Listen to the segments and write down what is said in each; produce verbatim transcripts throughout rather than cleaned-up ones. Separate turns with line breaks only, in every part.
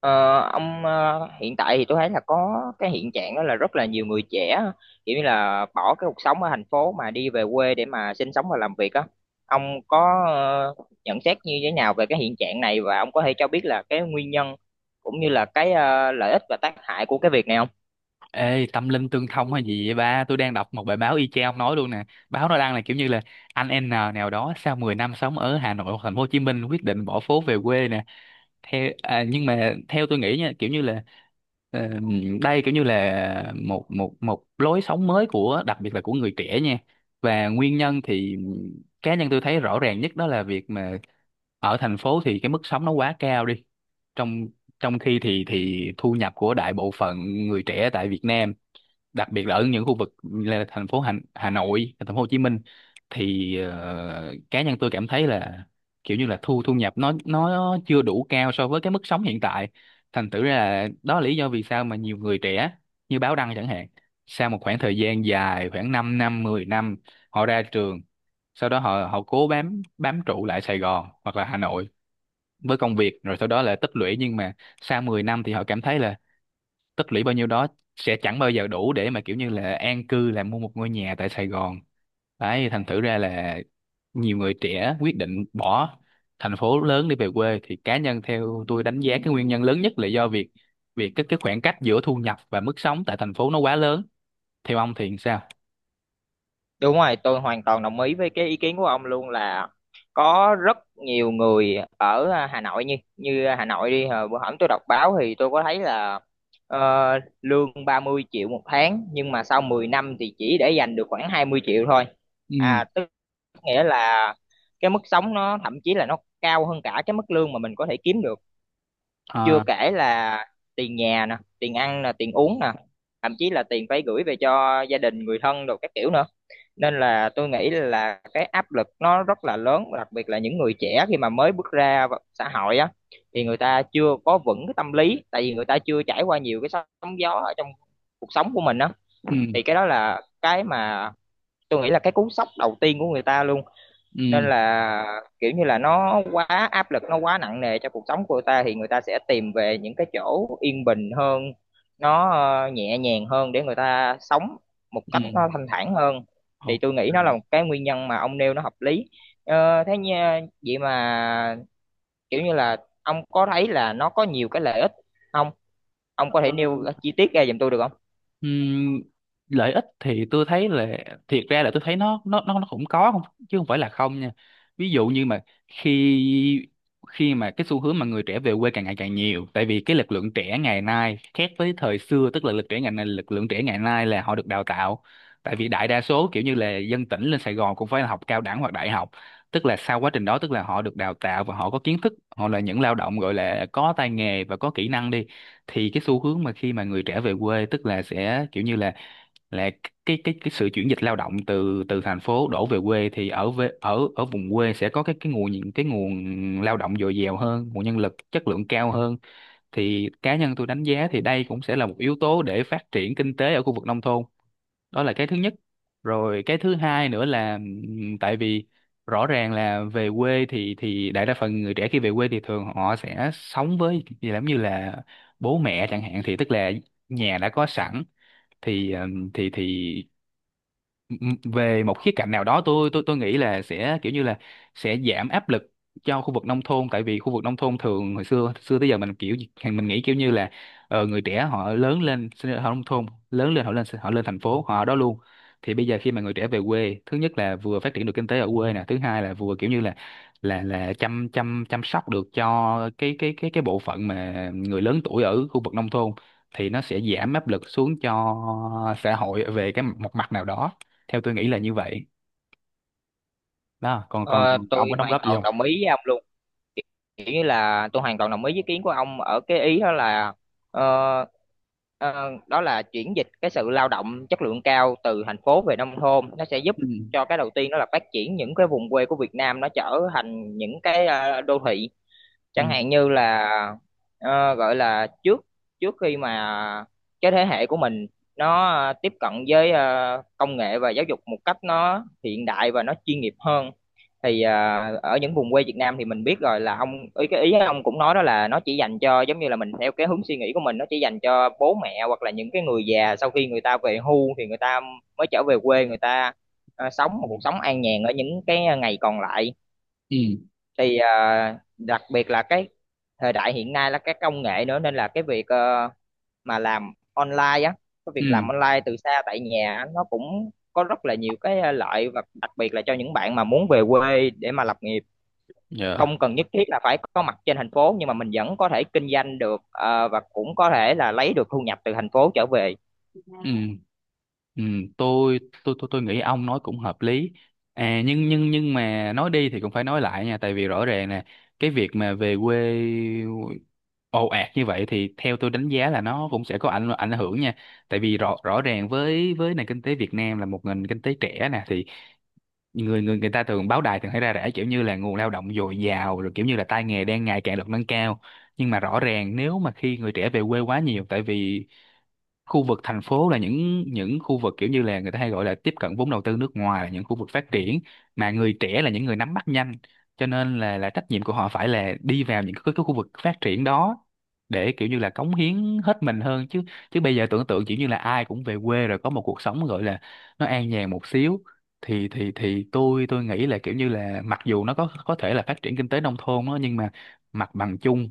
Ờ, ông ờ, hiện tại thì tôi thấy là có cái hiện trạng đó là rất là nhiều người trẻ kiểu như là bỏ cái cuộc sống ở thành phố mà đi về quê để mà sinh sống và làm việc á. Ông có ờ, nhận xét như thế nào về cái hiện trạng này và ông có thể cho biết là cái nguyên nhân cũng như là cái ờ, lợi ích và tác hại của cái việc này không?
Ê, tâm linh tương thông hay gì vậy ba? Tôi đang đọc một bài báo y chang nói luôn nè. Báo nó đăng là kiểu như là anh N nào đó sau mười năm sống ở Hà Nội hoặc thành phố Hồ Chí Minh quyết định bỏ phố về quê nè. Theo à, nhưng mà theo tôi nghĩ nha, kiểu như là ờ, đây kiểu như là một một một lối sống mới của đặc biệt là của người trẻ nha. Và nguyên nhân thì cá nhân tôi thấy rõ ràng nhất đó là việc mà ở thành phố thì cái mức sống nó quá cao đi. Trong trong khi thì thì thu nhập của đại bộ phận người trẻ tại Việt Nam, đặc biệt là ở những khu vực là thành phố Hà, Hà Nội, thành phố Hồ Chí Minh, thì ờ, cá nhân tôi cảm thấy là kiểu như là thu thu nhập nó nó chưa đủ cao so với cái mức sống hiện tại. Thành thử ra là đó là lý do vì sao mà nhiều người trẻ như Báo Đăng chẳng hạn, sau một khoảng thời gian dài khoảng 5 năm, mười năm họ ra trường, sau đó họ họ cố bám bám trụ lại Sài Gòn hoặc là Hà Nội với công việc rồi sau đó là tích lũy, nhưng mà sau mười năm thì họ cảm thấy là tích lũy bao nhiêu đó sẽ chẳng bao giờ đủ để mà kiểu như là an cư là mua một ngôi nhà tại Sài Gòn. Đấy, thành thử ra là nhiều người trẻ quyết định bỏ thành phố lớn để về quê thì cá nhân theo tôi đánh giá cái nguyên nhân lớn nhất là do việc việc cái cái khoảng cách giữa thu nhập và mức sống tại thành phố nó quá lớn. Theo ông thì sao?
Đúng rồi, tôi hoàn toàn đồng ý với cái ý kiến của ông luôn là có rất nhiều người ở à, Hà Nội, như như Hà Nội đi, hồi bữa hổm tôi đọc báo thì tôi có thấy là ờ, lương ba mươi triệu một tháng nhưng mà sau mười năm thì chỉ để dành được khoảng hai mươi triệu thôi.
Ừ,
À tức nghĩa là cái mức sống nó thậm chí là nó cao hơn cả cái mức lương mà mình có thể kiếm được, chưa
à,
kể là tiền nhà nè, tiền ăn nè, tiền uống nè, thậm chí là tiền phải gửi về cho gia đình người thân đồ các kiểu nữa, nên là tôi nghĩ là cái áp lực nó rất là lớn, đặc biệt là những người trẻ khi mà mới bước ra vào xã hội á thì người ta chưa có vững cái tâm lý, tại vì người ta chưa trải qua nhiều cái sóng gió ở trong cuộc sống của mình á,
ừ,
thì cái đó là cái mà tôi nghĩ là cái cú sốc đầu tiên của người ta luôn.
ừ,
Nên là kiểu như là nó quá áp lực, nó quá nặng nề cho cuộc sống của người ta thì người ta sẽ tìm về những cái chỗ yên bình hơn, nó ờ, nhẹ nhàng hơn để người ta sống một
ừ,
cách nó thanh thản hơn. Thì
ok.
tôi nghĩ nó là một cái nguyên nhân mà ông nêu nó hợp lý. Ờ, thế như, vậy mà kiểu như là ông có thấy là nó có nhiều cái lợi ích không, ông có thể nêu chi tiết ra giùm tôi được không?
Ừm, lợi ích thì tôi thấy là thiệt ra là tôi thấy nó nó nó nó cũng có không chứ không phải là không nha. Ví dụ như mà khi khi mà cái xu hướng mà người trẻ về quê càng ngày càng nhiều, tại vì cái lực lượng trẻ ngày nay khác với thời xưa, tức là lực trẻ ngày nay lực lượng trẻ ngày nay là họ được đào tạo. Tại vì đại đa số kiểu như là dân tỉnh lên Sài Gòn cũng phải là học cao đẳng hoặc đại học, tức là sau quá trình đó tức là họ được đào tạo và họ có kiến thức, họ là những lao động gọi là có tay nghề và có kỹ năng đi. Thì cái xu hướng mà khi mà người trẻ về quê tức là sẽ kiểu như là là cái cái cái sự chuyển dịch lao động từ từ thành phố đổ về quê, thì ở về ở ở vùng quê sẽ có cái cái nguồn những cái nguồn lao động dồi dào hơn, nguồn nhân lực chất lượng cao hơn. Thì cá nhân tôi đánh giá thì đây cũng sẽ là một yếu tố để phát triển kinh tế ở khu vực nông thôn. Đó là cái thứ nhất. Rồi cái thứ hai nữa là, ừm, tại vì rõ ràng là về quê thì thì đại đa phần người trẻ khi về quê thì thường họ sẽ sống với gì lắm như là bố mẹ chẳng hạn, thì tức là nhà đã có sẵn thì. ừm, thì thì Ừ, ừ, về một khía cạnh nào đó tôi tôi tôi nghĩ là sẽ kiểu như là sẽ giảm áp lực cho khu vực nông thôn. Tại vì khu vực nông thôn thường hồi xưa xưa tới giờ mình kiểu mình nghĩ kiểu như là ờ, người trẻ họ lớn lên sinh ra ở nông thôn, lớn lên họ lên họ lên thành phố họ ở đó luôn. Thì bây giờ khi mà người trẻ về quê thứ nhất là vừa phát triển được kinh tế ở quê nè, thứ hai là vừa kiểu như là là là chăm chăm chăm sóc được cho cái cái cái cái bộ phận mà người lớn tuổi ở khu vực nông thôn, thì nó sẽ giảm áp lực xuống cho xã hội về cái một mặt nào đó, theo tôi nghĩ là như vậy đó. còn còn
Ờ,
còn ông
tôi
có đóng
hoàn
góp gì
toàn
không?
đồng ý với ông luôn, kiểu như là tôi hoàn toàn đồng ý với ý kiến của ông ở cái ý đó là, ờ, ờ, đó là chuyển dịch cái sự lao động chất lượng cao từ thành phố về nông thôn nó sẽ giúp
Ừ,
cho, cái đầu tiên đó là phát triển những cái vùng quê của Việt Nam nó trở thành những cái ờ, đô thị.
ừ,
Chẳng hạn như là, ờ, gọi là, trước trước khi mà cái thế hệ của mình nó ờ, tiếp cận với ờ, công nghệ và giáo dục một cách nó hiện đại và nó chuyên nghiệp hơn thì ờ, ở những vùng quê Việt Nam thì mình biết rồi là, ông ý cái ý ông cũng nói đó là nó chỉ dành cho, giống như là mình theo cái hướng suy nghĩ của mình, nó chỉ dành cho bố mẹ hoặc là những cái người già, sau khi người ta về hưu thì người ta mới trở về quê người ta ờ, sống một
ừ,
cuộc sống an nhàn ở những cái ngày còn lại.
ừ,
Thì à, đặc biệt là cái thời đại hiện nay là các công nghệ nữa, nên là cái việc ờ, mà làm online á, cái việc làm
ừ,
online từ xa tại nhà á, nó cũng có rất là nhiều cái ờ, lợi, và đặc biệt là cho những bạn mà muốn về quê để mà lập nghiệp,
dạ,
không cần nhất thiết là phải có mặt trên thành phố nhưng mà mình vẫn có thể kinh doanh được ờ, và cũng có thể là lấy được thu nhập từ thành phố trở về.
ừ, ừ. Tôi tôi tôi tôi nghĩ ông nói cũng hợp lý. À, nhưng nhưng nhưng mà nói đi thì cũng phải nói lại nha. Tại vì rõ ràng nè, cái việc mà về quê ồ ạt như vậy thì theo tôi đánh giá là nó cũng sẽ có ảnh ảnh hưởng nha. Tại vì rõ rõ ràng với với nền kinh tế Việt Nam là một nền kinh tế trẻ nè, thì người người người ta thường báo đài thường thấy ra rẻ kiểu như là nguồn lao động dồi dào, rồi kiểu như là tay nghề đang ngày càng được nâng cao. Nhưng mà rõ ràng nếu mà khi người trẻ về quê quá nhiều, tại vì khu vực thành phố là những những khu vực kiểu như là người ta hay gọi là tiếp cận vốn đầu tư nước ngoài, là những khu vực phát triển, mà người trẻ là những người nắm bắt nhanh, cho nên là là trách nhiệm của họ phải là đi vào những cái, cái khu vực phát triển đó để kiểu như là cống hiến hết mình hơn chứ. Chứ bây giờ tưởng tượng kiểu như là ai cũng về quê rồi có một cuộc sống gọi là nó an nhàn một xíu, thì thì thì tôi tôi nghĩ là kiểu như là mặc dù nó có có thể là phát triển kinh tế nông thôn đó, nhưng mà mặt bằng chung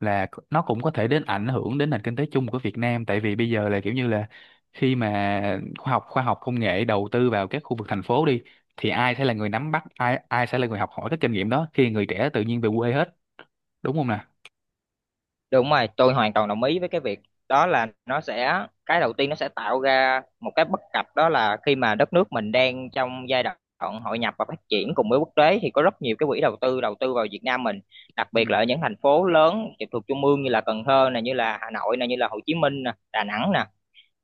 là c- nó cũng có thể đến ảnh hưởng đến nền kinh tế chung của Việt Nam. Tại vì bây giờ là kiểu như là khi mà khoa học khoa học công nghệ đầu tư vào các khu vực thành phố đi, thì ai sẽ là người nắm bắt, ai ai sẽ là người học hỏi cái kinh nghiệm đó khi người trẻ tự nhiên về quê hết. Đúng không nè?
Đúng rồi, tôi hoàn toàn đồng ý với cái việc đó là, nó sẽ, cái đầu tiên nó sẽ tạo ra một cái bất cập đó là khi mà đất nước mình đang trong giai đoạn hội nhập và phát triển cùng với quốc tế thì có rất nhiều cái quỹ đầu tư đầu tư vào Việt Nam mình, đặc
Ừ,
biệt là ở những thành phố lớn trực thuộc trung ương như là Cần Thơ nè, như là Hà Nội nè, như là Hồ Chí Minh nè, Đà Nẵng nè,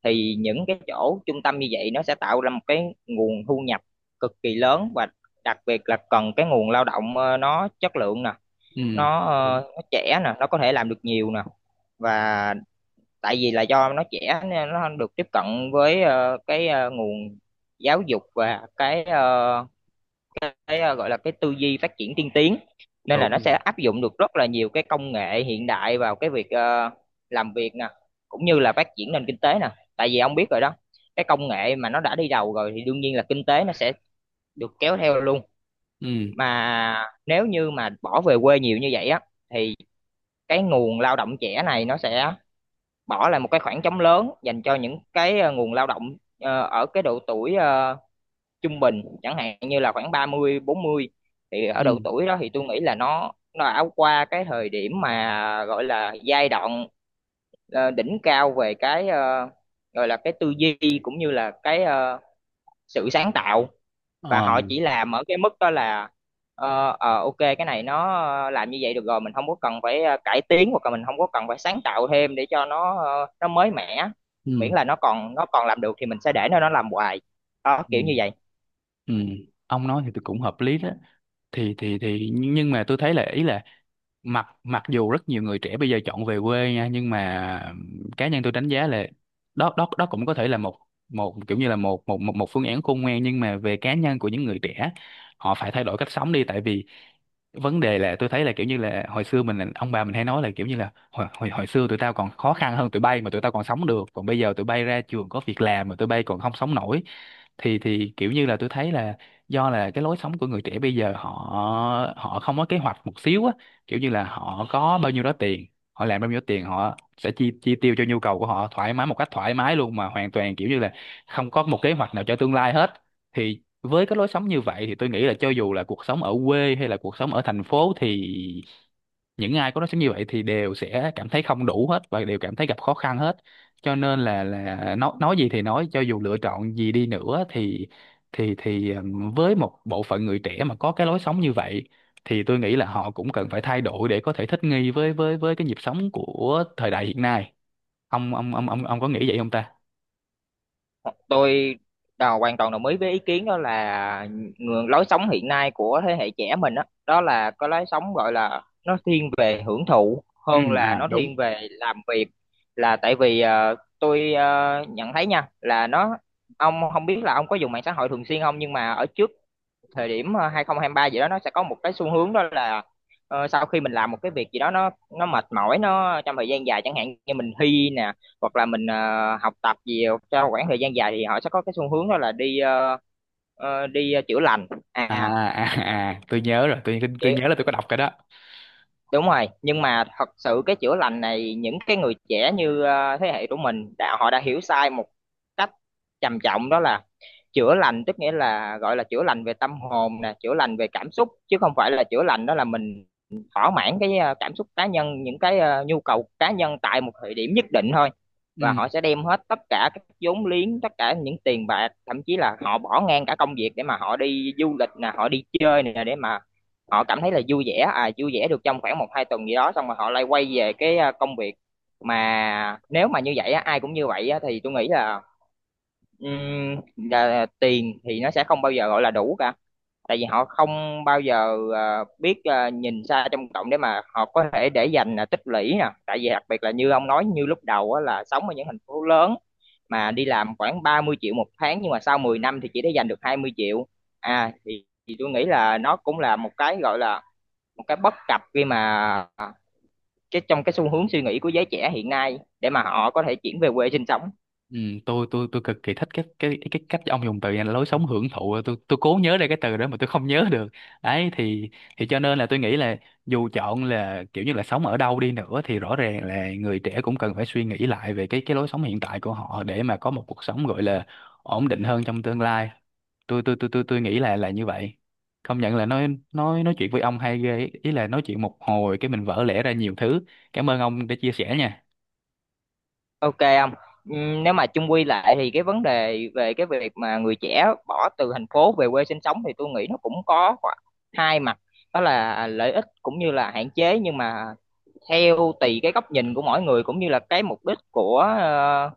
thì những cái chỗ trung tâm như vậy nó sẽ tạo ra một cái nguồn thu nhập cực kỳ lớn, và đặc biệt là cần cái nguồn lao động ờ, nó chất lượng nè,
ừ,
nó
đúng
ờ, nó trẻ nè, nó có thể làm được nhiều nè, và tại vì là do nó trẻ nên nó được tiếp cận với ờ, cái ờ, nguồn giáo dục và cái ờ, cái ờ, gọi là cái tư duy phát triển tiên tiến, nên là
đúng
nó
rồi.
sẽ áp dụng được rất là nhiều cái công nghệ hiện đại vào cái việc ờ, làm việc nè cũng như là phát triển nền kinh tế nè. Tại vì ông biết rồi đó, cái công nghệ mà nó đã đi đầu rồi thì đương nhiên là kinh tế nó sẽ được kéo theo luôn,
Ừ,
mà nếu như mà bỏ về quê nhiều như vậy á thì cái nguồn lao động trẻ này nó sẽ bỏ lại một cái khoảng trống lớn dành cho những cái ờ, nguồn lao động ờ, ở cái độ tuổi ờ, trung bình, chẳng hạn như là khoảng ba mươi bốn mươi, thì ở độ
ừ,
tuổi đó thì tôi nghĩ là nó nó đã qua cái thời điểm mà gọi là giai đoạn ờ, đỉnh cao về cái ờ, gọi là cái tư duy cũng như là cái ờ, sự sáng tạo, và
ờ,
họ chỉ làm ở cái mức đó là, ờ, ờ, ok, cái này nó ờ, làm như vậy được rồi, mình không có cần phải ờ, cải tiến hoặc là mình không có cần phải sáng tạo thêm để cho nó ờ, nó mới mẻ, miễn
ừ,
là nó còn nó còn làm được thì mình sẽ để nó nó làm hoài, đó kiểu
ừ,
như vậy.
ừ. Ông nói thì tôi cũng hợp lý đó. Thì thì thì nhưng mà tôi thấy là ý là mặc mặc dù rất nhiều người trẻ bây giờ chọn về quê nha, nhưng mà cá nhân tôi đánh giá là đó đó đó cũng có thể là một một kiểu như là một một một, một phương án khôn ngoan, nhưng mà về cá nhân của những người trẻ, họ phải thay đổi cách sống đi. Tại vì vấn đề là tôi thấy là kiểu như là hồi xưa mình ông bà mình hay nói là kiểu như là hồi, hồi hồi xưa tụi tao còn khó khăn hơn tụi bay mà tụi tao còn sống được, còn bây giờ tụi bay ra trường có việc làm mà tụi bay còn không sống nổi. Thì thì kiểu như là tôi thấy là do là cái lối sống của người trẻ bây giờ, họ họ không có kế hoạch một xíu á, kiểu như là họ có bao nhiêu đó tiền, họ làm bao nhiêu tiền họ sẽ chi chi tiêu cho nhu cầu của họ thoải mái một cách thoải mái luôn, mà hoàn toàn kiểu như là không có một kế hoạch nào cho tương lai hết. Thì với cái lối sống như vậy thì tôi nghĩ là cho dù là cuộc sống ở quê hay là cuộc sống ở thành phố thì những ai có lối sống như vậy thì đều sẽ cảm thấy không đủ hết và đều cảm thấy gặp khó khăn hết. Cho nên là là nói nói gì thì nói, cho dù lựa chọn gì đi nữa thì thì thì ừm, với một bộ phận người trẻ mà có cái lối sống như vậy thì tôi nghĩ là họ cũng cần phải thay đổi để có thể thích nghi với với với cái nhịp sống của thời đại hiện nay. Ông ông ông ông ông có nghĩ vậy không ta?
Tôi đào hoàn toàn đồng ý với ý kiến đó là, ngược lối sống hiện nay của thế hệ trẻ mình đó, đó là có lối sống gọi là nó thiên về hưởng thụ
Ừ,
hơn là
à
nó
đúng.
thiên về làm việc, là tại vì ờ, tôi ờ, nhận thấy nha là nó, ông không biết là ông có dùng mạng xã hội thường xuyên không, nhưng mà ở trước thời điểm ờ, hai không hai ba gì đó, nó sẽ có một cái xu hướng đó là ờ, sau khi mình làm một cái việc gì đó nó nó mệt mỏi nó trong thời gian dài, chẳng hạn như mình thi nè hoặc là mình ờ, học tập gì trong khoảng thời gian dài thì họ sẽ có cái xu hướng đó là đi ờ, ờ, đi ờ, chữa lành
À,
à.
à, à tôi nhớ rồi, tôi tôi nhớ là tôi có đọc cái đó.
Đúng rồi, nhưng mà thật sự cái chữa lành này, những cái người trẻ như ờ, thế hệ của mình đã, họ đã hiểu sai một cách trầm trọng, đó là chữa lành tức nghĩa là gọi là chữa lành về tâm hồn nè, chữa lành về cảm xúc, chứ không phải là chữa lành đó là mình thỏa mãn cái ờ, cảm xúc cá nhân, những cái ờ, nhu cầu cá nhân tại một thời điểm nhất định thôi, và
Ừ,
họ sẽ đem hết tất cả các vốn liếng, tất cả những tiền bạc, thậm chí là họ bỏ ngang cả công việc để mà họ đi du lịch nè, họ đi chơi nè để mà họ cảm thấy là vui vẻ, à, vui vẻ được trong khoảng một hai tuần gì đó, xong rồi họ lại quay về cái à, công việc. Mà nếu mà như vậy á, ai cũng như vậy á, thì tôi nghĩ là, ừm, là tiền thì nó sẽ không bao giờ gọi là đủ cả, tại vì họ không bao giờ à, biết à, nhìn xa trông rộng để mà họ có thể để dành à, tích lũy nè, tại vì đặc biệt là như ông nói như lúc đầu á, là sống ở những thành phố lớn mà đi làm khoảng ba mươi triệu một tháng nhưng mà sau mười năm thì chỉ để dành được hai mươi triệu. À thì, thì tôi nghĩ là nó cũng là một cái gọi là một cái bất cập khi mà, cái trong cái xu hướng suy nghĩ của giới trẻ hiện nay để mà họ có thể chuyển về quê sinh sống.
ừ, tôi tôi tôi cực kỳ thích cái cái cái cách ông dùng từ này là lối sống hưởng thụ, tôi tôi cố nhớ ra cái từ đó mà tôi không nhớ được. Đấy, thì thì cho nên là tôi nghĩ là dù chọn là kiểu như là sống ở đâu đi nữa thì rõ ràng là người trẻ cũng cần phải suy nghĩ lại về cái cái lối sống hiện tại của họ để mà có một cuộc sống gọi là ổn định hơn trong tương lai. Tôi tôi tôi tôi tôi nghĩ là là như vậy. Công nhận là nói nói nói chuyện với ông hay ghê ý, là nói chuyện một hồi cái mình vỡ lẽ ra nhiều thứ. Cảm ơn ông đã chia sẻ nha.
Ok, không. Nếu mà chung quy lại thì cái vấn đề về cái việc mà người trẻ bỏ từ thành phố về quê sinh sống thì tôi nghĩ nó cũng có hai mặt, đó là lợi ích cũng như là hạn chế, nhưng mà theo tùy cái góc nhìn của mỗi người cũng như là cái mục đích của ờ,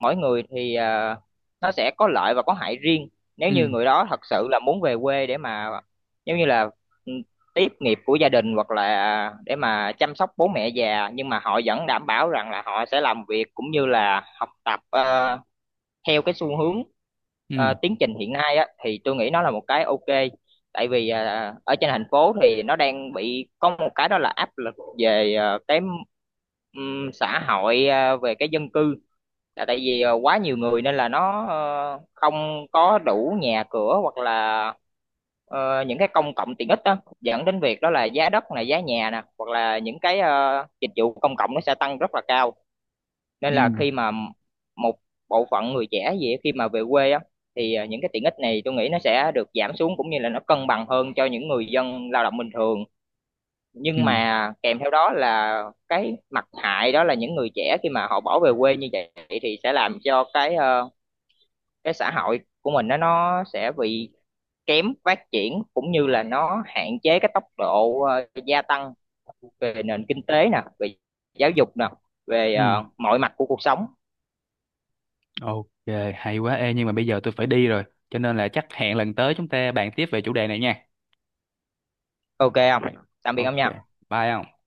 mỗi người thì à, nó sẽ có lợi và có hại riêng. Nếu như
Ừ,
người đó thật sự là muốn về quê để mà giống như là ừ, tiếp nghiệp của gia đình hoặc là để mà chăm sóc bố mẹ già, nhưng mà họ vẫn đảm bảo rằng là họ sẽ làm việc cũng như là học tập ờ, theo cái xu hướng
ừ,
ờ, tiến trình hiện nay á, thì tôi nghĩ nó là một cái ok. Tại vì ờ, ở trên thành phố thì nó đang bị có một cái, đó là áp lực về ờ, cái ừm, xã hội, ờ, về cái dân cư, là tại vì ờ, quá nhiều người nên là nó ờ, không có đủ nhà cửa hoặc là ờ, những cái công cộng tiện ích, đó dẫn đến việc đó là giá đất này, giá nhà nè, hoặc là những cái ờ, dịch vụ công cộng nó sẽ tăng rất là cao, nên
ừ,
là khi mà một bộ phận người trẻ gì á, khi mà về quê á thì ờ, những cái tiện ích này tôi nghĩ nó sẽ được giảm xuống cũng như là nó cân bằng hơn cho những người dân lao động bình thường,
ừ,
nhưng mà kèm theo đó là cái mặt hại, đó là những người trẻ khi mà họ bỏ về quê như vậy thì sẽ làm cho cái ờ, cái xã hội của mình nó nó sẽ bị kém phát triển, cũng như là nó hạn chế cái tốc độ ờ, gia tăng về nền kinh tế nè, về giáo dục nè, về
ừ.
ờ, mọi mặt của cuộc sống.
Ok, hay quá. Ê, nhưng mà bây giờ tôi phải đi rồi. Cho nên là chắc hẹn lần tới chúng ta bàn tiếp về chủ đề này nha.
Ok, không. Tạm biệt
Ok,
ông nha.
bye không?